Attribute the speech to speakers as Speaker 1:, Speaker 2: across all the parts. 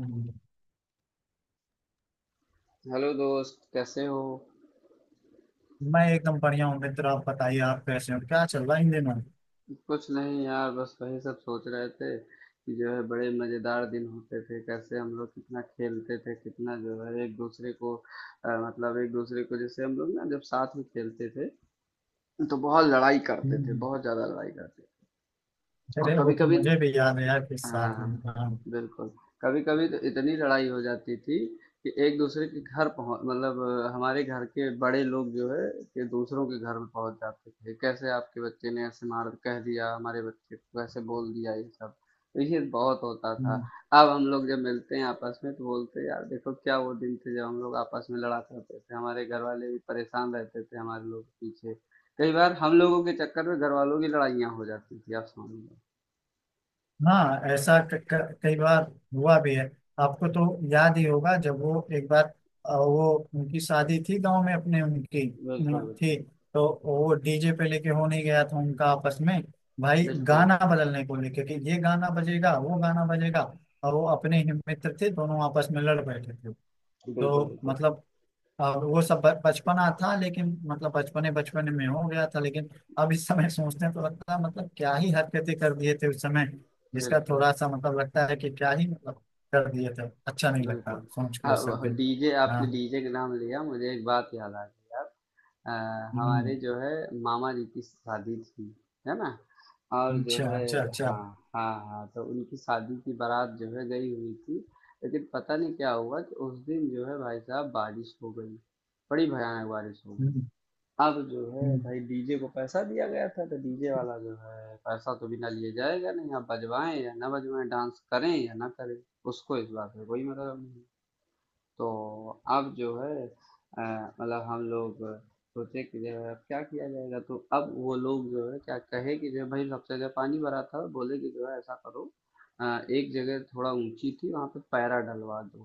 Speaker 1: हम्म,
Speaker 2: hello दोस्त, कैसे हो?
Speaker 1: मैं एकदम बढ़िया हूँ मित्र। आप बताइए, आप कैसे हो? क्या चल रहा है इन दिनों?
Speaker 2: कुछ नहीं यार, बस वही सब सोच रहे थे कि जो है बड़े मजेदार दिन होते थे। कैसे हम लोग कितना खेलते थे, कितना जो है एक दूसरे को मतलब एक दूसरे को, जैसे हम लोग ना जब साथ में खेलते थे तो बहुत लड़ाई करते थे,
Speaker 1: हम्म,
Speaker 2: बहुत ज्यादा लड़ाई करते थे। और
Speaker 1: अरे वो
Speaker 2: कभी
Speaker 1: तो
Speaker 2: कभी
Speaker 1: मुझे भी याद है यार, किस
Speaker 2: हाँ
Speaker 1: साथ
Speaker 2: हाँ
Speaker 1: में। हाँ।
Speaker 2: बिल्कुल। कभी कभी तो इतनी लड़ाई हो जाती थी कि एक दूसरे के घर पहुंच मतलब हमारे घर के बड़े लोग जो है कि दूसरों के घर में पहुंच जाते थे। कैसे आपके बच्चे ने ऐसे मार कह दिया, हमारे बच्चे को ऐसे बोल दिया, ये सब तो ये बहुत होता था।
Speaker 1: हम्म,
Speaker 2: अब हम लोग जब मिलते हैं आपस में तो बोलते हैं, यार देखो क्या वो दिन थे जब हम लोग आपस में लड़ा करते थे। हमारे घर वाले भी परेशान रहते थे हमारे लोग के पीछे। कई बार हम लोगों के चक्कर में घर वालों की लड़ाइयाँ हो जाती थी, आप समझ लो।
Speaker 1: हाँ, ऐसा क, क, कई बार हुआ भी है। आपको तो याद ही होगा जब वो एक बार वो उनकी शादी थी गांव में अपने उनकी
Speaker 2: बिल्कुल
Speaker 1: थी।
Speaker 2: बिल्कुल
Speaker 1: तो वो डीजे पे लेके होने गया था उनका आपस में भाई,
Speaker 2: बिल्कुल।
Speaker 1: गाना बदलने को लेके कि ये गाना बजेगा वो गाना बजेगा। और वो अपने ही मित्र थे, दोनों आपस में लड़ बैठे थे।
Speaker 2: बिल्कुल,
Speaker 1: तो
Speaker 2: बिल्कुल।
Speaker 1: मतलब अब वो सब बचपना था, लेकिन मतलब बचपने बचपने में हो गया था, लेकिन अब इस समय सोचते हैं तो लगता है मतलब क्या ही हरकतें कर दिए थे उस समय। जिसका
Speaker 2: बिल्कुल,
Speaker 1: थोड़ा सा मतलब लगता है कि क्या ही मतलब कर दिए थे, अच्छा नहीं लगता
Speaker 2: बिल्कुल।
Speaker 1: सोच के वो सब
Speaker 2: हाँ,
Speaker 1: भी।
Speaker 2: डीजे आपने
Speaker 1: हाँ।
Speaker 2: डीजे का नाम लिया, मुझे एक बात याद आ गई यार। हमारे
Speaker 1: हम्म।
Speaker 2: जो है मामा जी की शादी थी, है ना? और जो
Speaker 1: अच्छा,
Speaker 2: है
Speaker 1: अच्छा, अच्छा।
Speaker 2: हाँ, हाँ, हाँ, तो उनकी शादी की बारात जो है गई हुई थी, लेकिन पता नहीं क्या हुआ कि उस दिन जो है भाई साहब बारिश हो गई, बड़ी भयानक बारिश हो गई।
Speaker 1: हम्म।
Speaker 2: अब जो है
Speaker 1: हम्म।
Speaker 2: भाई डीजे को पैसा दिया गया था, तो डीजे वाला जो है पैसा तो बिना लिए जाएगा नहीं। आप बजवाएं या ना बजवाएं, डांस करें या ना करें, उसको इस बात में कोई मतलब नहीं। तो अब जो है अ, मतलब हम लोग सोचे कि जो है अब क्या किया जाएगा। तो अब वो लोग जो है क्या कहे कि जो है भाई सबसे जगह पानी भरा था, बोले कि जो है ऐसा करो, अ, एक जगह थोड़ा ऊंची थी वहां पे पैरा डलवा दो,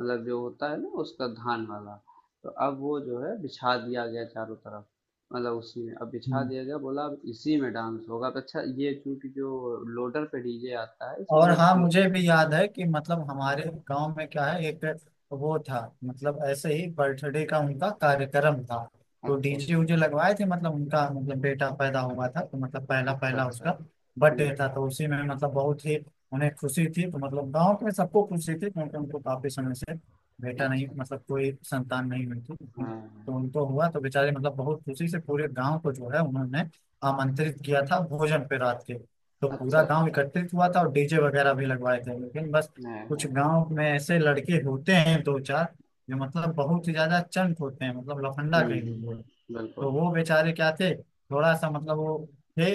Speaker 2: मतलब जो होता है ना उसका धान वाला। तो अब वो जो है बिछा दिया गया चारों तरफ, मतलब उसी में अब बिछा
Speaker 1: हम्म।
Speaker 2: दिया गया। बोला अब इसी में डांस होगा। अब अच्छा, ये चूंकि जो लोडर पे डीजे आता है इसमें
Speaker 1: और
Speaker 2: कोई
Speaker 1: हाँ, मुझे भी याद है कि मतलब हमारे गांव में क्या है, एक वो था। मतलब ऐसे ही बर्थडे का उनका कार्यक्रम था, तो
Speaker 2: अच्छा
Speaker 1: डीजे
Speaker 2: अच्छा
Speaker 1: उजे लगवाए थे। मतलब उनका मतलब बेटा पैदा हुआ था, तो मतलब पहला
Speaker 2: अच्छा
Speaker 1: पहला
Speaker 2: अच्छा
Speaker 1: उसका बर्थडे था।
Speaker 2: हम्म
Speaker 1: तो उसी में मतलब बहुत ही उन्हें खुशी थी, तो मतलब गांव के सबको खुशी थी, क्योंकि उनको काफी समय से बेटा नहीं,
Speaker 2: अच्छा, अच्छा।
Speaker 1: मतलब कोई संतान नहीं हुई थी।
Speaker 2: हाँ,
Speaker 1: तो
Speaker 2: हाँ।
Speaker 1: उनको हुआ तो बेचारे मतलब बहुत खुशी से पूरे गांव को जो है उन्होंने आमंत्रित किया था भोजन पे रात के। तो
Speaker 2: अच्छा,
Speaker 1: पूरा गांव
Speaker 2: अच्छा।
Speaker 1: एकत्रित हुआ था और डीजे वगैरह भी लगवाए थे, लेकिन बस
Speaker 2: हाँ,
Speaker 1: कुछ
Speaker 2: हाँ।
Speaker 1: गांव में ऐसे लड़के होते हैं दो चार, जो मतलब बहुत ही ज्यादा चंट होते हैं, मतलब लफंडा
Speaker 2: हुँ।
Speaker 1: कहेंगे वो।
Speaker 2: बिल्कुल,
Speaker 1: तो वो
Speaker 2: बिल्कुल।
Speaker 1: बेचारे क्या थे, थोड़ा सा मतलब वो थे,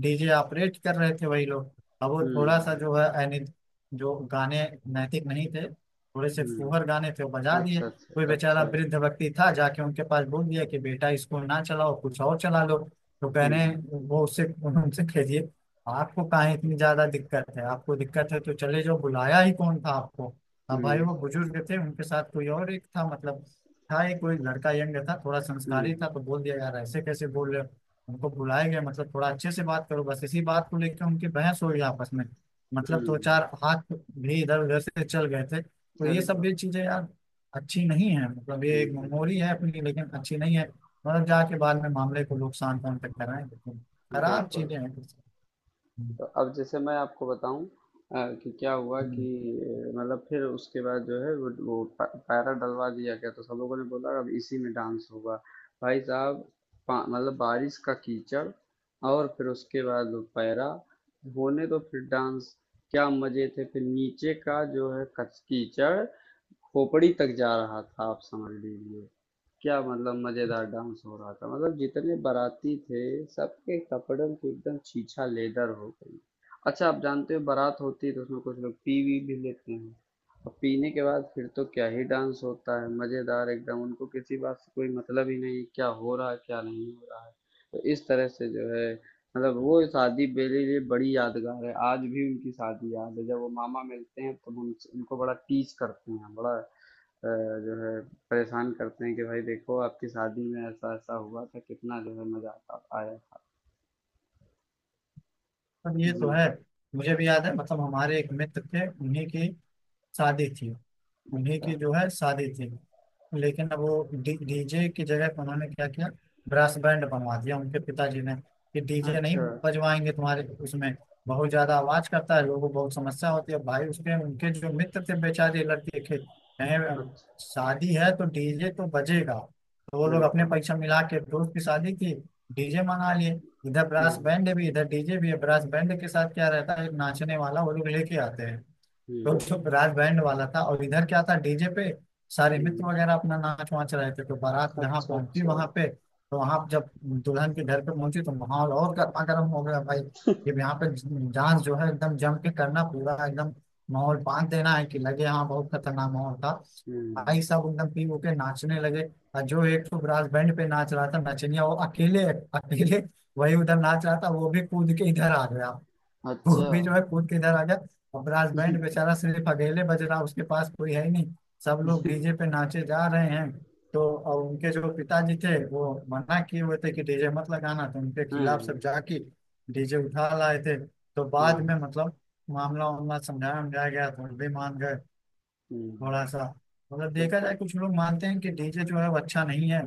Speaker 1: डीजे ऑपरेट कर रहे थे वही लोग। अब वो थोड़ा सा
Speaker 2: हुँ,
Speaker 1: जो है, यानी जो गाने नैतिक नहीं थे, थोड़े से
Speaker 2: हुँ।
Speaker 1: फूहर गाने थे, वो बजा दिए।
Speaker 2: अच्छा,
Speaker 1: कोई
Speaker 2: अच्छा,
Speaker 1: बेचारा
Speaker 2: अच्छा।
Speaker 1: वृद्ध व्यक्ति था, जाके उनके पास बोल दिया कि बेटा इसको ना चलाओ, कुछ और चला लो। तो कहने
Speaker 2: हुँ,
Speaker 1: वो उससे उनसे कहिए, आपको काहे इतनी ज्यादा दिक्कत है? आपको दिक्कत है तो चले जाओ, बुलाया ही कौन था आपको। अब भाई
Speaker 2: हुँ,
Speaker 1: वो बुजुर्ग थे, उनके साथ कोई और एक था, मतलब था एक कोई लड़का, यंग था, थोड़ा संस्कारी
Speaker 2: हुँ,
Speaker 1: था। तो बोल दिया, यार ऐसे कैसे बोल रहे हो, हमको बुलाए गए, मतलब थोड़ा अच्छे से बात करो। बस इसी बात को लेकर उनकी बहस हो गई आपस में। मतलब दो
Speaker 2: हुँ।
Speaker 1: चार हाथ भी इधर उधर से चल गए थे। तो ये
Speaker 2: अरे
Speaker 1: सब
Speaker 2: वाह!
Speaker 1: भी चीजें यार अच्छी नहीं है, मतलब
Speaker 2: हुँ,
Speaker 1: ये एक
Speaker 2: हुँ,
Speaker 1: मेमोरी
Speaker 2: हुँ।
Speaker 1: है अपनी, लेकिन अच्छी नहीं है। मतलब जाके बाद में मामले को लोग शांत तक कराएं, लेकिन खराब
Speaker 2: बिल्कुल।
Speaker 1: चीजें हैं। हम्म।
Speaker 2: तो अब जैसे मैं आपको बताऊं, कि क्या हुआ कि
Speaker 1: हम्म।
Speaker 2: मतलब फिर उसके बाद जो है पैरा डलवा दिया गया, तो सब लोगों ने बोला अब इसी में डांस होगा। भाई साहब मतलब बारिश का कीचड़ और फिर उसके बाद वो पैरा होने, तो फिर डांस। क्या मजे थे! फिर नीचे का जो है कच कीचड़ खोपड़ी तक जा रहा था, आप समझ लीजिए। क्या मतलब मज़ेदार डांस हो रहा था, मतलब जितने बाराती थे सबके कपड़ों की एकदम छीछा लेदर हो गई। अच्छा, आप जानते हो बारात होती है तो उसमें कुछ लोग पी वी भी लेते हैं, और पीने के बाद फिर तो क्या ही डांस होता है मज़ेदार एकदम। उनको किसी बात से कोई मतलब ही नहीं क्या हो रहा है क्या नहीं हो रहा है। तो इस तरह से जो है, मतलब वो शादी मेरे लिए बड़ी यादगार है, आज भी उनकी शादी याद है। जब वो मामा मिलते हैं तो हम उनसे- उनको बड़ा टीज करते हैं, बड़ा अ, जो है परेशान करते हैं कि भाई देखो आपकी शादी में ऐसा ऐसा हुआ था, कितना जो है मजा आता आया था।
Speaker 1: अब ये
Speaker 2: जी
Speaker 1: तो है। मुझे भी याद है, मतलब हमारे एक मित्र थे, उन्हीं की शादी थी। उन्हीं
Speaker 2: अच्छा
Speaker 1: की जो है शादी थी, लेकिन अब वो डीजे की जगह पे उन्होंने क्या किया, ब्रास बैंड बनवा दिया उनके पिताजी ने, कि डीजे नहीं
Speaker 2: अच्छा
Speaker 1: बजवाएंगे तुम्हारे उसमें, बहुत ज्यादा आवाज करता है, लोगों को बहुत समस्या होती है भाई उसके। उनके जो मित्र थे बेचारे लड़के के, कहे
Speaker 2: अच्छा
Speaker 1: शादी है तो डीजे तो बजेगा। तो वो लोग अपने
Speaker 2: बिल्कुल
Speaker 1: पैसा मिला के दोस्त की शादी की डीजे मंगा लिए। इधर ब्रास बैंड
Speaker 2: हम्म
Speaker 1: भी, इधर डीजे भी है। ब्रास बैंड के साथ क्या रहता है, एक नाचने वाला वो लोग लेके आते हैं। तो
Speaker 2: हम्म
Speaker 1: चुप राज बैंड वाला था, और इधर क्या था, डीजे पे सारे मित्र
Speaker 2: हम्म
Speaker 1: वगैरह अपना नाच वाच रहे थे। तो बारात जहाँ
Speaker 2: अच्छा
Speaker 1: पहुंची
Speaker 2: अच्छा
Speaker 1: वहां पे, तो वहां जब दुल्हन के घर पे पहुंची, तो माहौल और गर्मा गर्म हो गया भाई। जब यहाँ पे डांस जो है एकदम जम के करना पूरा, एकदम माहौल बांध देना है कि लगे, हाँ बहुत खतरनाक माहौल था। भाई
Speaker 2: हम्म
Speaker 1: साहब एकदम पी हो के नाचने लगे। और जो एक तो ब्रास बैंड पे नाच रहा था नचनिया, वो अकेले अकेले वही उधर नाच रहा था, वो भी कूद के इधर आ गया। वो
Speaker 2: अच्छा
Speaker 1: भी जो है कूद के इधर आ गया। और ब्रास बैंड बेचारा सिर्फ अकेले बज रहा, उसके पास कोई है ही नहीं, सब लोग डीजे पे नाचे जा रहे हैं। तो और उनके जो पिताजी थे वो मना किए हुए थे कि डीजे मत लगाना, तो उनके खिलाफ
Speaker 2: हम्म
Speaker 1: सब जाके डीजे उठा लाए थे। तो बाद
Speaker 2: हम्म
Speaker 1: में मतलब मामला वामला समझाया समझाया गया तो वो भी मान गए थोड़ा
Speaker 2: हम्म,
Speaker 1: सा। मतलब देखा जाए,
Speaker 2: बिल्कुल
Speaker 1: कुछ लोग मानते हैं कि डीजे जो है वो अच्छा नहीं है,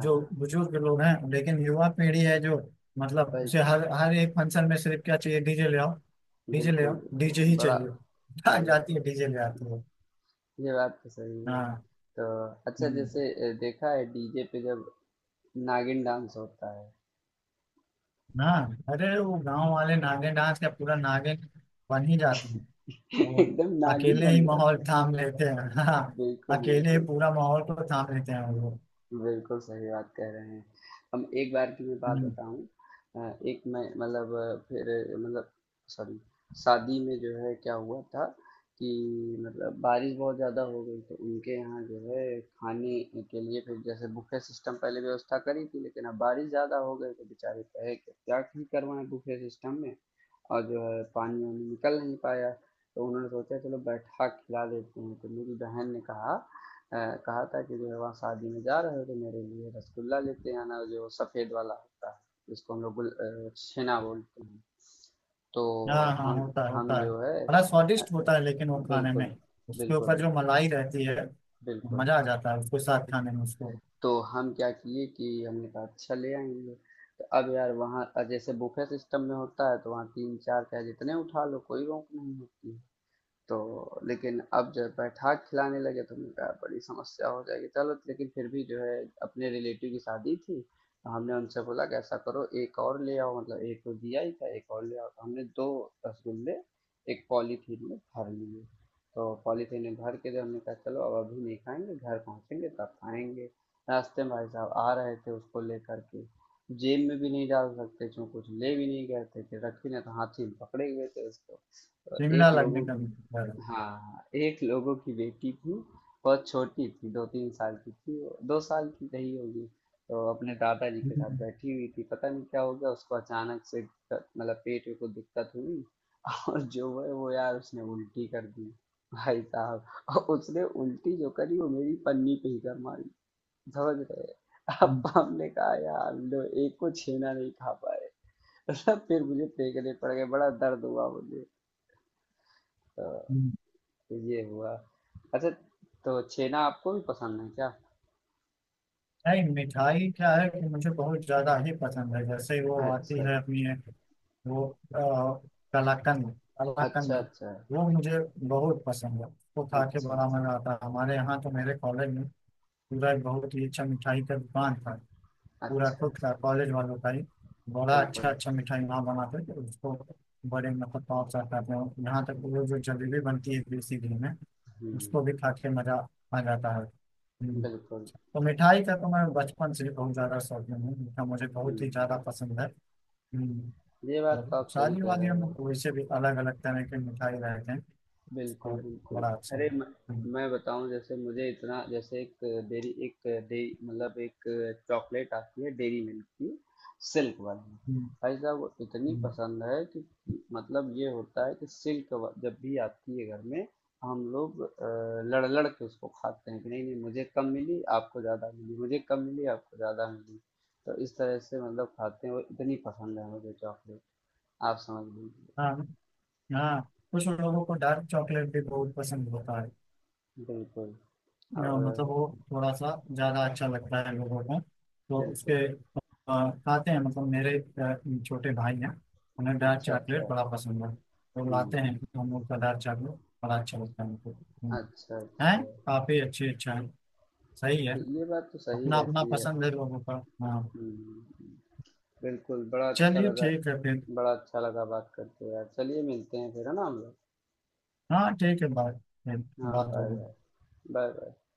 Speaker 1: जो बुजुर्ग लोग हैं। लेकिन युवा पीढ़ी है जो मतलब
Speaker 2: सही
Speaker 1: उसे हर हर एक फंक्शन में सिर्फ क्या चाहिए, डीजे ले आओ, डीजे ले
Speaker 2: बिल्कुल,
Speaker 1: आओ, डीजे
Speaker 2: बिल्कुल।
Speaker 1: ही
Speaker 2: बड़ा
Speaker 1: चाहिए। भाग जाती है
Speaker 2: बिल्कुल,
Speaker 1: डीजे ले आती है।
Speaker 2: ये बात तो सही है।
Speaker 1: हाँ।
Speaker 2: तो अच्छा
Speaker 1: हम्म।
Speaker 2: जैसे देखा है डीजे पे जब नागिन डांस होता है,
Speaker 1: हाँ, अरे वो गांव वाले नागिन डांस का पूरा नागिन बन ही जाते हैं। वो
Speaker 2: एकदम नागिन
Speaker 1: अकेले ही
Speaker 2: बन जाते
Speaker 1: माहौल
Speaker 2: हैं।
Speaker 1: थाम लेते हैं। हाँ,
Speaker 2: बिल्कुल,
Speaker 1: अकेले ही
Speaker 2: बिल्कुल।
Speaker 1: पूरा माहौल को थाम लेते हैं वो लोग।
Speaker 2: बिल्कुल सही बात कह रहे हैं। हम एक बार की मैं बात
Speaker 1: हम्म।
Speaker 2: बताऊँ। एक मैं मतलब फिर मतलब सॉरी, शादी में जो है क्या हुआ था कि मतलब बारिश बहुत ज़्यादा हो गई, तो उनके यहाँ जो है खाने के लिए फिर जैसे बुफे सिस्टम पहले व्यवस्था करी थी, लेकिन अब बारिश ज़्यादा हो गई तो बेचारे कहे कि क्या ही करवाएं बुफे सिस्टम में, और जो है पानी वानी निकल नहीं पाया। तो उन्होंने सोचा चलो बैठा खिला देते हैं। तो मेरी बहन ने कहा, अ, कहा था कि जो है वहाँ शादी में जा रहे हो तो मेरे लिए रसगुल्ला लेते आना, जो सफ़ेद वाला होता है, जिसको हम लोग छेना बोलते हैं। तो
Speaker 1: हाँ, हाँ,
Speaker 2: हम
Speaker 1: होता है, होता
Speaker 2: हम
Speaker 1: है।
Speaker 2: जो है
Speaker 1: बड़ा
Speaker 2: अ,
Speaker 1: स्वादिष्ट होता है, लेकिन वो खाने में
Speaker 2: बिल्कुल
Speaker 1: उसके
Speaker 2: बिल्कुल
Speaker 1: ऊपर जो
Speaker 2: बिल्कुल
Speaker 1: मलाई रहती है,
Speaker 2: बिल्कुल।
Speaker 1: मजा आ जाता है उसके साथ खाने में उसको।
Speaker 2: तो हम क्या किए कि हमने कहा अच्छा ले आएंगे। तो अब यार वहाँ जैसे बुफे सिस्टम में होता है तो वहाँ तीन चार चाहे जितने उठा लो, कोई रोक नहीं होती है। तो लेकिन अब जब बैठा के खिलाने लगे तो हमने कहा बड़ी समस्या हो जाएगी, चलो लेकिन फिर भी जो है अपने रिलेटिव की शादी थी तो हमने उनसे बोला कि ऐसा करो एक और ले आओ, मतलब एक तो दिया ही था, एक और ले आओ। तो हमने दो रसगुल्ले एक पॉलीथीन में भर लिए। तो पॉलीथीन में भर के जब हमने कहा चलो अब अभी नहीं खाएंगे, घर पहुंचेंगे तब खाएंगे। रास्ते में भाई साहब आ रहे थे उसको लेकर के, जेब में भी नहीं डाल सकते क्यों, कुछ ले भी नहीं गए थे कि रखी ना, तो हाथी में पकड़े हुए थे उसको। तो
Speaker 1: चिमड़ा
Speaker 2: एक
Speaker 1: लगने
Speaker 2: लोगों
Speaker 1: का भी डर है।
Speaker 2: हाँ, एक लोगों की बेटी थी, बहुत छोटी थी, 2 3 साल की थी, 2 साल की रही होगी। तो अपने दादाजी के साथ
Speaker 1: हम्म।
Speaker 2: बैठी हुई थी, पता नहीं क्या हो गया उसको अचानक से मतलब पेट में कुछ दिक्कत हुई, और जो है वो यार उसने उल्टी कर दी। भाई साहब, और उसने उल्टी जो करी वो मेरी पन्नी पे ही कर मारी, समझ रहे। अब
Speaker 1: हम्म।
Speaker 2: हमने कहा यार लो, एक को छेना नहीं खा पाए। फिर मुझे फेंकने पड़ गए, बड़ा दर्द हुआ मुझे। तो
Speaker 1: हम्म।
Speaker 2: तो ये हुआ। अच्छा, तो छेना आपको भी पसंद है क्या?
Speaker 1: नहीं, मिठाई क्या है कि मुझे बहुत ज्यादा ही पसंद है। जैसे वो आती
Speaker 2: अच्छा
Speaker 1: है अपनी एक वो अ, कलाकंद,
Speaker 2: अच्छा अच्छा
Speaker 1: कलाकंद
Speaker 2: अच्छा
Speaker 1: वो मुझे बहुत पसंद है। उसको खा के
Speaker 2: अच्छा
Speaker 1: बड़ा मजा आता है। हमारे यहाँ तो मेरे कॉलेज में पूरा एक बहुत ही अच्छा मिठाई का दुकान था, पूरा
Speaker 2: अच्छा
Speaker 1: खुद
Speaker 2: अच्छा
Speaker 1: का कॉलेज वालों का ही। बड़ा अच्छा
Speaker 2: बिल्कुल
Speaker 1: अच्छा मिठाई वहाँ बनाते थे, उसको बड़े मतलब पहुँचाते थे। यहाँ तक कि वो जो जलेबी बनती है देसी घी में, उसको भी
Speaker 2: हम्म
Speaker 1: खा के मजा आ जाता है। हम्म।
Speaker 2: बिल्कुल
Speaker 1: तो मिठाई का तो मैं बचपन से ही बहुत ज्यादा शौकीन हूँ, मीठा मुझे बहुत ही ज्यादा
Speaker 2: हम्म
Speaker 1: पसंद है। हम्म।
Speaker 2: ये बात
Speaker 1: और
Speaker 2: तो आप सही
Speaker 1: शादी
Speaker 2: कह
Speaker 1: वादियों
Speaker 2: रहे
Speaker 1: में
Speaker 2: हो।
Speaker 1: तो वैसे भी अलग अलग तरह के मिठाई रहते हैं,
Speaker 2: बिल्कुल,
Speaker 1: और
Speaker 2: बिल्कुल।
Speaker 1: बड़ा अच्छा
Speaker 2: अरे म
Speaker 1: लगता है। हम्म।
Speaker 2: मैं बताऊँ, जैसे मुझे इतना जैसे एक डेयरी एक डे मतलब एक चॉकलेट आती है डेयरी मिल्क की, सिल्क वाली।
Speaker 1: हम्म।
Speaker 2: भाई साहब वो इतनी
Speaker 1: हम्म।
Speaker 2: पसंद है कि मतलब ये होता है कि सिल्क व जब भी आती है घर में, हम लोग लड़-लड़ के उसको खाते हैं कि नहीं, नहीं मुझे कम मिली, आपको ज़्यादा मिली, मुझे कम मिली, आपको ज़्यादा मिली। तो इस तरह से मतलब खाते हैं और इतनी पसंद है मुझे चॉकलेट, आप समझ लीजिए।
Speaker 1: हाँ, हाँ, कुछ लोगों को डार्क चॉकलेट भी बहुत पसंद होता है,
Speaker 2: बिल्कुल
Speaker 1: मतलब
Speaker 2: और
Speaker 1: वो थोड़ा सा ज़्यादा अच्छा लगता है लोगों को। तो उसके
Speaker 2: बिल्कुल।
Speaker 1: खाते हैं, मतलब मेरे छोटे भाई हैं, उन्हें डार्क
Speaker 2: अच्छा, अच्छा।
Speaker 1: चॉकलेट बड़ा पसंद है। तो लाते हैं
Speaker 2: हुँ।
Speaker 1: हम लोग का डार्क चॉकलेट बड़ा अच्छा लगता है उनको। हम्म।
Speaker 2: अच्छा,
Speaker 1: हैं
Speaker 2: अच्छा।
Speaker 1: काफ़ी अच्छे, अच्छा है, सही है।
Speaker 2: ब ये बात तो सही
Speaker 1: अपना अपना
Speaker 2: रहती है।
Speaker 1: पसंद है लोगों का। हाँ,
Speaker 2: हुँ, बिल्कुल, बड़ा अच्छा
Speaker 1: चलिए
Speaker 2: लगा,
Speaker 1: ठीक है फिर।
Speaker 2: बड़ा अच्छा लगा बात करके यार। चलिए मिलते हैं फिर, है ना हम लोग?
Speaker 1: हाँ, ठीक है, बात फिर
Speaker 2: हाँ,
Speaker 1: बात होगी।
Speaker 2: बाय-बाय। बाय-बाय।